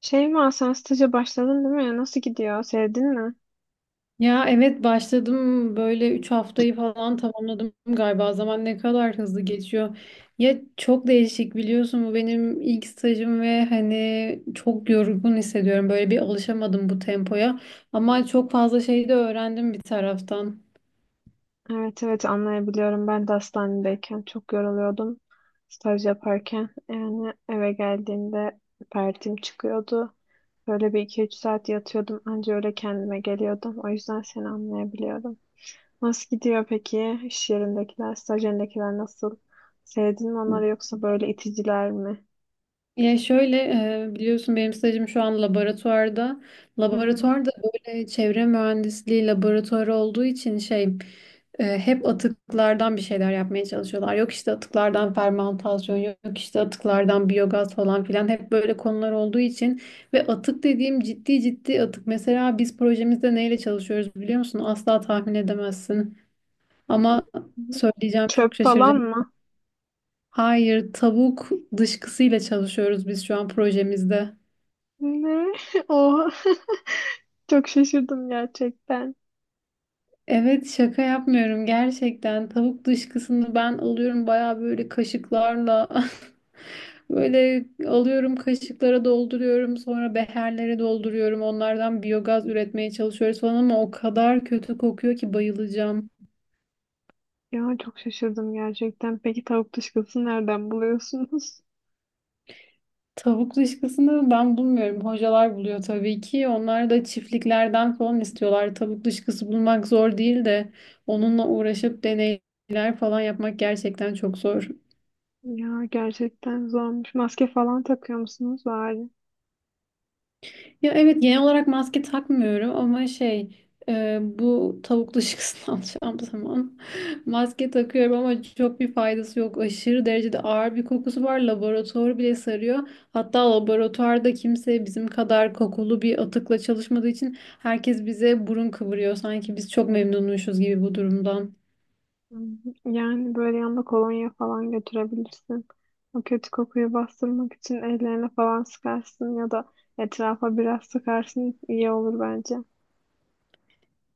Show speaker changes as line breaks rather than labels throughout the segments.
Şeyma sen staja başladın değil mi? Nasıl gidiyor? Sevdin mi?
Ya evet başladım böyle 3 haftayı falan tamamladım galiba. Zaman ne kadar hızlı geçiyor. Ya çok değişik biliyorsun bu benim ilk stajım ve hani çok yorgun hissediyorum. Böyle bir alışamadım bu tempoya. Ama çok fazla şey de öğrendim bir taraftan.
Evet evet anlayabiliyorum. Ben de hastanedeyken çok yoruluyordum staj yaparken. Yani eve geldiğimde pertim çıkıyordu. Böyle bir iki üç saat yatıyordum. Anca öyle kendime geliyordum. O yüzden seni anlayabiliyorum. Nasıl gidiyor peki? İş yerindekiler, staj yerindekiler nasıl? Sevdin mi onları yoksa böyle iticiler mi?
Ya şöyle biliyorsun benim stajım şu an laboratuvarda.
Hı hı. Hı
Laboratuvarda böyle çevre mühendisliği laboratuvarı olduğu için şey hep atıklardan bir şeyler yapmaya çalışıyorlar. Yok işte atıklardan fermantasyon, yok işte atıklardan biyogaz falan filan hep böyle konular olduğu için ve atık dediğim ciddi ciddi atık. Mesela biz projemizde neyle çalışıyoruz biliyor musun? Asla tahmin edemezsin. Ama
hı.
söyleyeceğim çok
Çöp
şaşıracak.
falan mı?
Hayır, tavuk dışkısıyla çalışıyoruz biz şu an projemizde.
Ne? Oha. Çok şaşırdım gerçekten.
Evet şaka yapmıyorum gerçekten. Tavuk dışkısını ben alıyorum bayağı böyle kaşıklarla. Böyle alıyorum kaşıklara dolduruyorum sonra beherlere dolduruyorum onlardan biyogaz üretmeye çalışıyoruz falan ama o kadar kötü kokuyor ki bayılacağım.
Ya çok şaşırdım gerçekten. Peki tavuk dışkısını nereden buluyorsunuz?
Tavuk dışkısını ben bulmuyorum. Hocalar buluyor tabii ki. Onlar da çiftliklerden falan istiyorlar. Tavuk dışkısı bulmak zor değil de onunla uğraşıp deneyler falan yapmak gerçekten çok zor.
Ya gerçekten zormuş. Maske falan takıyor musunuz bari?
Ya evet genel olarak maske takmıyorum ama şey bu tavuk dışı kısmını alacağım zaman maske takıyorum ama çok bir faydası yok. Aşırı derecede ağır bir kokusu var. Laboratuvar bile sarıyor. Hatta laboratuvarda kimse bizim kadar kokulu bir atıkla çalışmadığı için herkes bize burun kıvırıyor. Sanki biz çok memnunmuşuz gibi bu durumdan.
Hı hı. Yani böyle yanında kolonya falan götürebilirsin. O kötü kokuyu bastırmak için ellerine falan sıkarsın ya da etrafa biraz sıkarsın iyi olur bence.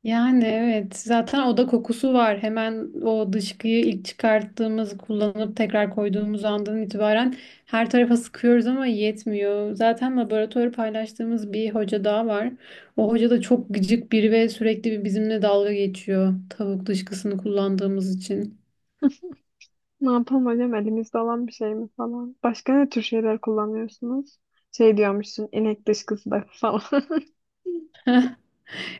Yani evet zaten oda kokusu var. Hemen o dışkıyı ilk çıkarttığımız, kullanıp tekrar koyduğumuz andan itibaren her tarafa sıkıyoruz ama yetmiyor. Zaten laboratuvarı paylaştığımız bir hoca daha var. O hoca da çok gıcık biri ve sürekli bir bizimle dalga geçiyor tavuk dışkısını kullandığımız için.
Ne yapalım hocam elimizde olan bir şey mi falan. Başka ne tür şeyler kullanıyorsunuz? Şey diyormuşsun inek dışkısı da falan.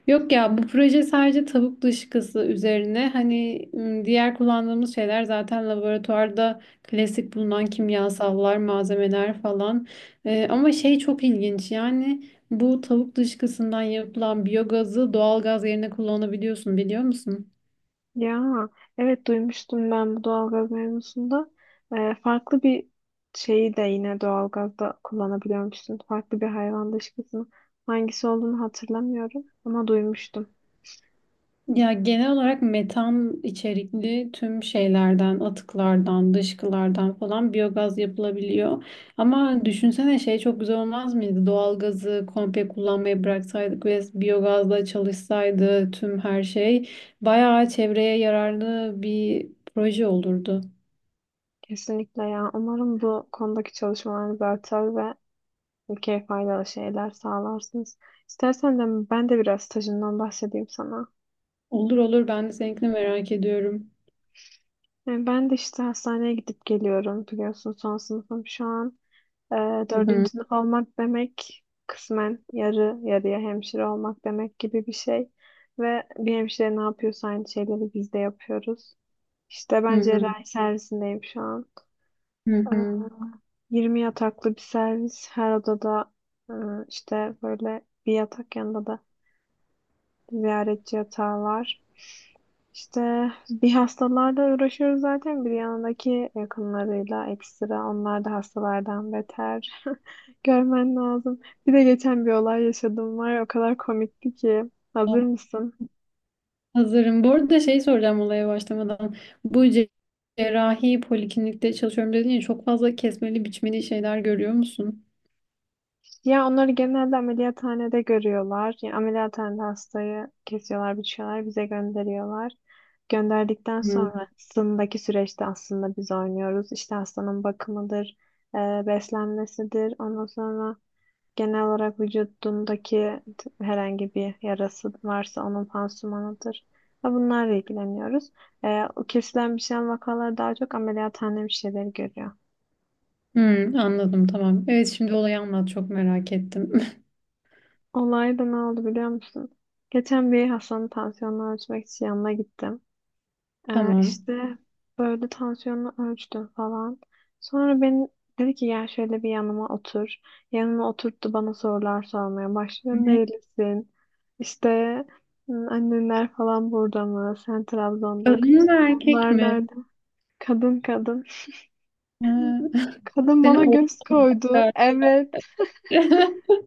Yok ya bu proje sadece tavuk dışkısı üzerine hani diğer kullandığımız şeyler zaten laboratuvarda klasik bulunan kimyasallar, malzemeler falan. Ama şey çok ilginç yani bu tavuk dışkısından yapılan biyogazı doğal gaz yerine kullanabiliyorsun biliyor musun?
Ya evet duymuştum ben bu doğalgaz mevzusunda. Farklı bir şeyi de yine doğalgazda kullanabiliyormuşsun. Farklı bir hayvan dışkısını. Hangisi olduğunu hatırlamıyorum ama duymuştum.
Ya genel olarak metan içerikli tüm şeylerden, atıklardan, dışkılardan falan biyogaz yapılabiliyor. Ama düşünsene şey çok güzel olmaz mıydı? Doğalgazı komple kullanmayı bıraksaydık ve biyogazla çalışsaydı tüm her şey bayağı çevreye yararlı bir proje olurdu.
Kesinlikle ya. Umarım bu konudaki çalışmalarınız artar ve ülkeye faydalı şeyler sağlarsınız. İstersen de ben de biraz stajımdan bahsedeyim sana.
Olur olur ben de seninkini merak ediyorum.
Yani ben de işte hastaneye gidip geliyorum biliyorsun son sınıfım şu an. Ee,
Hı hı,
Dördüncü sınıf olmak demek kısmen yarı yarıya hemşire olmak demek gibi bir şey. Ve bir hemşire ne yapıyorsa aynı şeyleri biz de yapıyoruz. İşte
hı
ben
hı.
cerrahi servisindeyim şu an.
Hı
Ee,
hı.
20 yataklı bir servis. Her odada e, işte böyle bir yatak yanında da ziyaretçi yatağı var. İşte bir hastalarla uğraşıyoruz zaten bir yanındaki yakınlarıyla ekstra. Onlar da hastalardan beter. Görmen lazım. Bir de geçen bir olay yaşadım var ya, o kadar komikti ki. Hazır mısın?
Hazırım. Bu arada şey soracağım olaya başlamadan. Bu cerrahi poliklinikte çalışıyorum dedin ya çok fazla kesmeli biçmeli şeyler görüyor musun?
Ya onları genelde ameliyathanede görüyorlar. Yani ameliyathanede hastayı kesiyorlar, biçiyorlar, bize gönderiyorlar. Gönderdikten
Hı.
sonrasındaki süreçte aslında biz oynuyoruz. İşte hastanın bakımıdır, e, beslenmesidir. Ondan sonra genel olarak vücudundaki herhangi bir yarası varsa onun pansumanıdır. Ve bunlarla ilgileniyoruz. O kesilen bir şeyin vakaları daha çok ameliyathane bir şeyleri görüyor.
Hı. Anladım, tamam. Evet şimdi olayı anlat çok merak ettim.
Olay da ne oldu biliyor musun? Geçen bir Hasan'ın tansiyonunu ölçmek için yanına gittim.
Tamam.
İşte böyle tansiyonunu ölçtüm falan. Sonra beni dedi ki gel şöyle bir yanıma otur. Yanıma oturttu bana sorular sormaya başlıyor.
Ne?
Nerelisin? İşte "Hı, annenler falan burada mı? Sen Trabzon'da
Kadın mı
okuyorsun.
erkek
Onlar
mi?
nerede? Kadın kadın.
Ha,
Kadın
seni
bana
oğlum
göz koydu.
bakar.
Evet.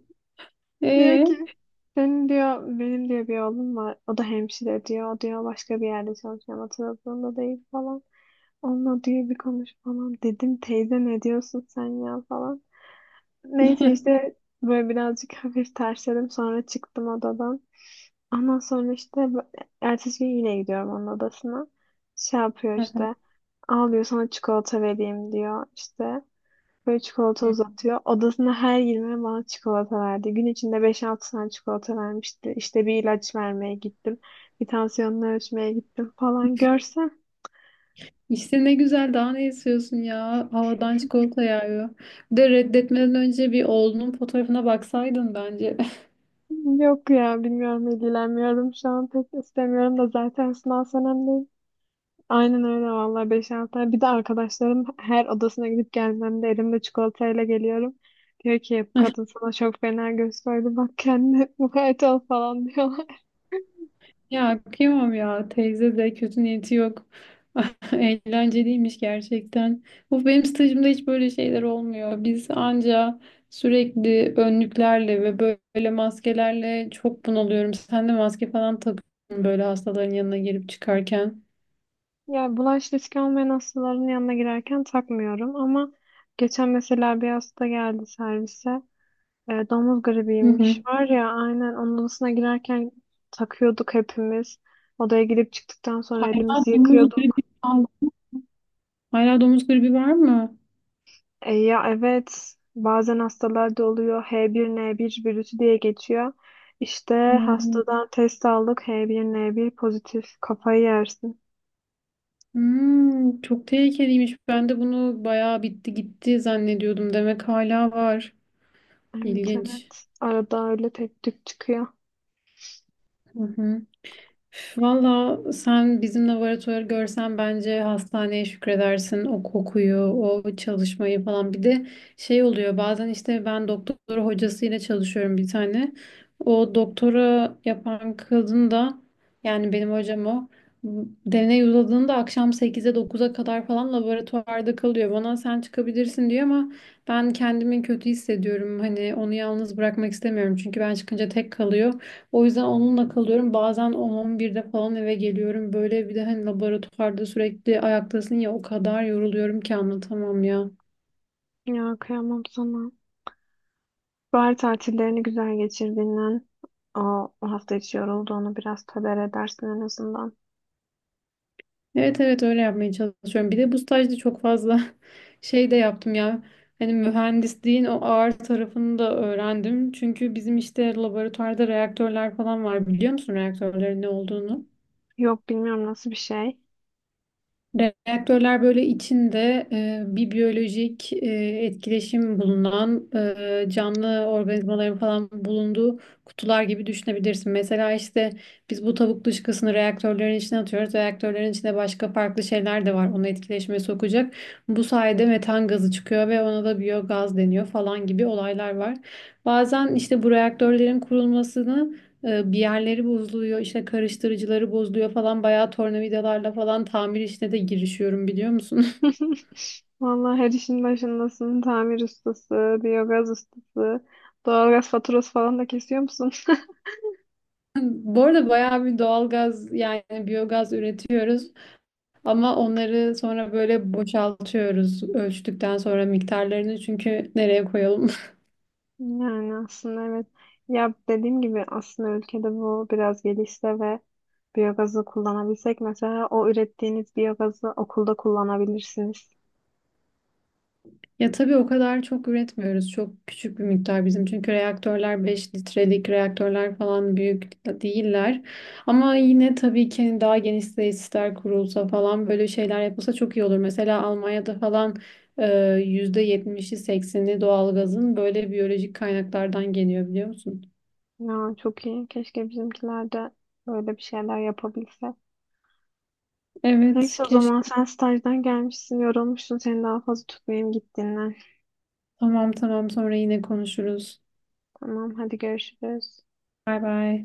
Diyor
Ee?
ki senin diyor benim diyor bir oğlum var. O da hemşire diyor. O diyor başka bir yerde çalışıyor ama Trabzon'da değil falan. Onunla diyor bir konuş falan. Dedim teyze ne diyorsun sen ya falan. Neyse işte böyle birazcık hafif tersledim. Sonra çıktım odadan. Ondan sonra işte ertesi gün yine gidiyorum onun odasına. Şey yapıyor işte. Al diyor sana çikolata vereyim diyor işte. Böyle çikolata uzatıyor. Odasına her girmeye bana çikolata verdi. Gün içinde 5-6 tane çikolata vermişti. İşte bir ilaç vermeye gittim. Bir tansiyonunu ölçmeye gittim falan. Görsem
İşte ne güzel daha ne istiyorsun ya? Havadan çikolata yağıyor. Bir de reddetmeden önce bir oğlunun fotoğrafına baksaydın bence.
yok ya bilmiyorum ilgilenmiyorum şu an pek istemiyorum da zaten sınav senemdeyim. Aynen öyle vallahi 5-6 tane. Bir de arkadaşlarım her odasına gidip gelmemde elimde çikolatayla geliyorum. Diyor ki bu kadın sana çok fena göz koydu bak kendine mukayyet ol falan diyor.
Ya kıyamam ya teyze de kötü niyeti yok. Eğlenceliymiş gerçekten. Bu benim stajımda hiç böyle şeyler olmuyor. Biz anca sürekli önlüklerle ve böyle maskelerle çok bunalıyorum. Sen de maske falan takıyorsun böyle hastaların yanına girip çıkarken.
Yani bulaş riski olmayan hastaların yanına girerken takmıyorum ama geçen mesela bir hasta geldi servise. Domuz
Hı
gribiymiş.
hı.
Var ya aynen onun odasına girerken takıyorduk hepimiz. Odaya girip çıktıktan sonra
Hala
elimizi
domuz
yıkıyorduk.
gribi kaldı. Hala domuz gribi var mı?
Ya evet bazen hastalarda oluyor H1N1 virüsü diye geçiyor. İşte
Hmm.
hastadan test aldık H1N1 pozitif kafayı yersin.
Çok tehlikeliymiş. Ben de bunu bayağı bitti gitti zannediyordum. Demek hala var.
Evet
İlginç.
evet arada öyle tek tük çıkıyor.
Hı hı. Valla sen bizim laboratuvarı görsen bence hastaneye şükredersin o kokuyu, o çalışmayı falan. Bir de şey oluyor bazen işte ben doktor hocasıyla çalışıyorum bir tane. O doktora yapan kadın da yani benim hocam o deney uzadığında akşam sekize dokuz'a kadar falan laboratuvarda kalıyor. Bana sen çıkabilirsin diyor ama ben kendimi kötü hissediyorum. Hani onu yalnız bırakmak istemiyorum çünkü ben çıkınca tek kalıyor. O yüzden onunla kalıyorum. Bazen 10-11'de falan eve geliyorum. Böyle bir de hani laboratuvarda sürekli ayaktasın ya o kadar yoruluyorum ki anlatamam ya.
Ya kıyamam sana. Bahar tatillerini güzel geçirdiğinden o, o hafta içi yorulduğunu biraz töber edersin en azından.
Evet evet öyle yapmaya çalışıyorum. Bir de bu stajda çok fazla şey de yaptım ya. Hani mühendisliğin o ağır tarafını da öğrendim. Çünkü bizim işte laboratuvarda reaktörler falan var. Biliyor musun reaktörlerin ne olduğunu?
Yok bilmiyorum nasıl bir şey.
Reaktörler böyle içinde bir biyolojik etkileşim bulunan canlı organizmaların falan bulunduğu kutular gibi düşünebilirsin. Mesela işte biz bu tavuk dışkısını reaktörlerin içine atıyoruz. Reaktörlerin içinde başka farklı şeyler de var onu etkileşime sokacak. Bu sayede metan gazı çıkıyor ve ona da biyogaz deniyor falan gibi olaylar var. Bazen işte bu reaktörlerin kurulmasını bir yerleri bozuluyor, işte karıştırıcıları bozuluyor falan. Bayağı tornavidalarla falan tamir işine de girişiyorum biliyor musun?
Vallahi her işin başındasın. Tamir ustası, biyogaz ustası, doğalgaz faturası falan da kesiyor musun?
Bu arada bayağı bir doğalgaz yani biyogaz üretiyoruz. Ama onları sonra böyle boşaltıyoruz ölçtükten sonra miktarlarını çünkü nereye koyalım?
Yani aslında evet. Ya dediğim gibi aslında ülkede bu biraz gelişse ve biyogazı kullanabilsek mesela o ürettiğiniz biyogazı okulda kullanabilirsiniz.
Ya tabii o kadar çok üretmiyoruz. Çok küçük bir miktar bizim. Çünkü reaktörler 5 litrelik reaktörler falan büyük değiller. Ama yine tabii ki hani daha geniş tesisler kurulsa falan böyle şeyler yapılsa çok iyi olur. Mesela Almanya'da falan e, %70'i 80'i doğalgazın böyle biyolojik kaynaklardan geliyor biliyor musun?
Ya çok iyi. Keşke bizimkiler de böyle bir şeyler yapabilse.
Evet
Neyse o
keşke.
zaman sen stajdan gelmişsin, yorulmuşsun. Seni daha fazla tutmayayım git dinlen.
Tamam tamam sonra yine konuşuruz.
Tamam hadi görüşürüz.
Bay bay.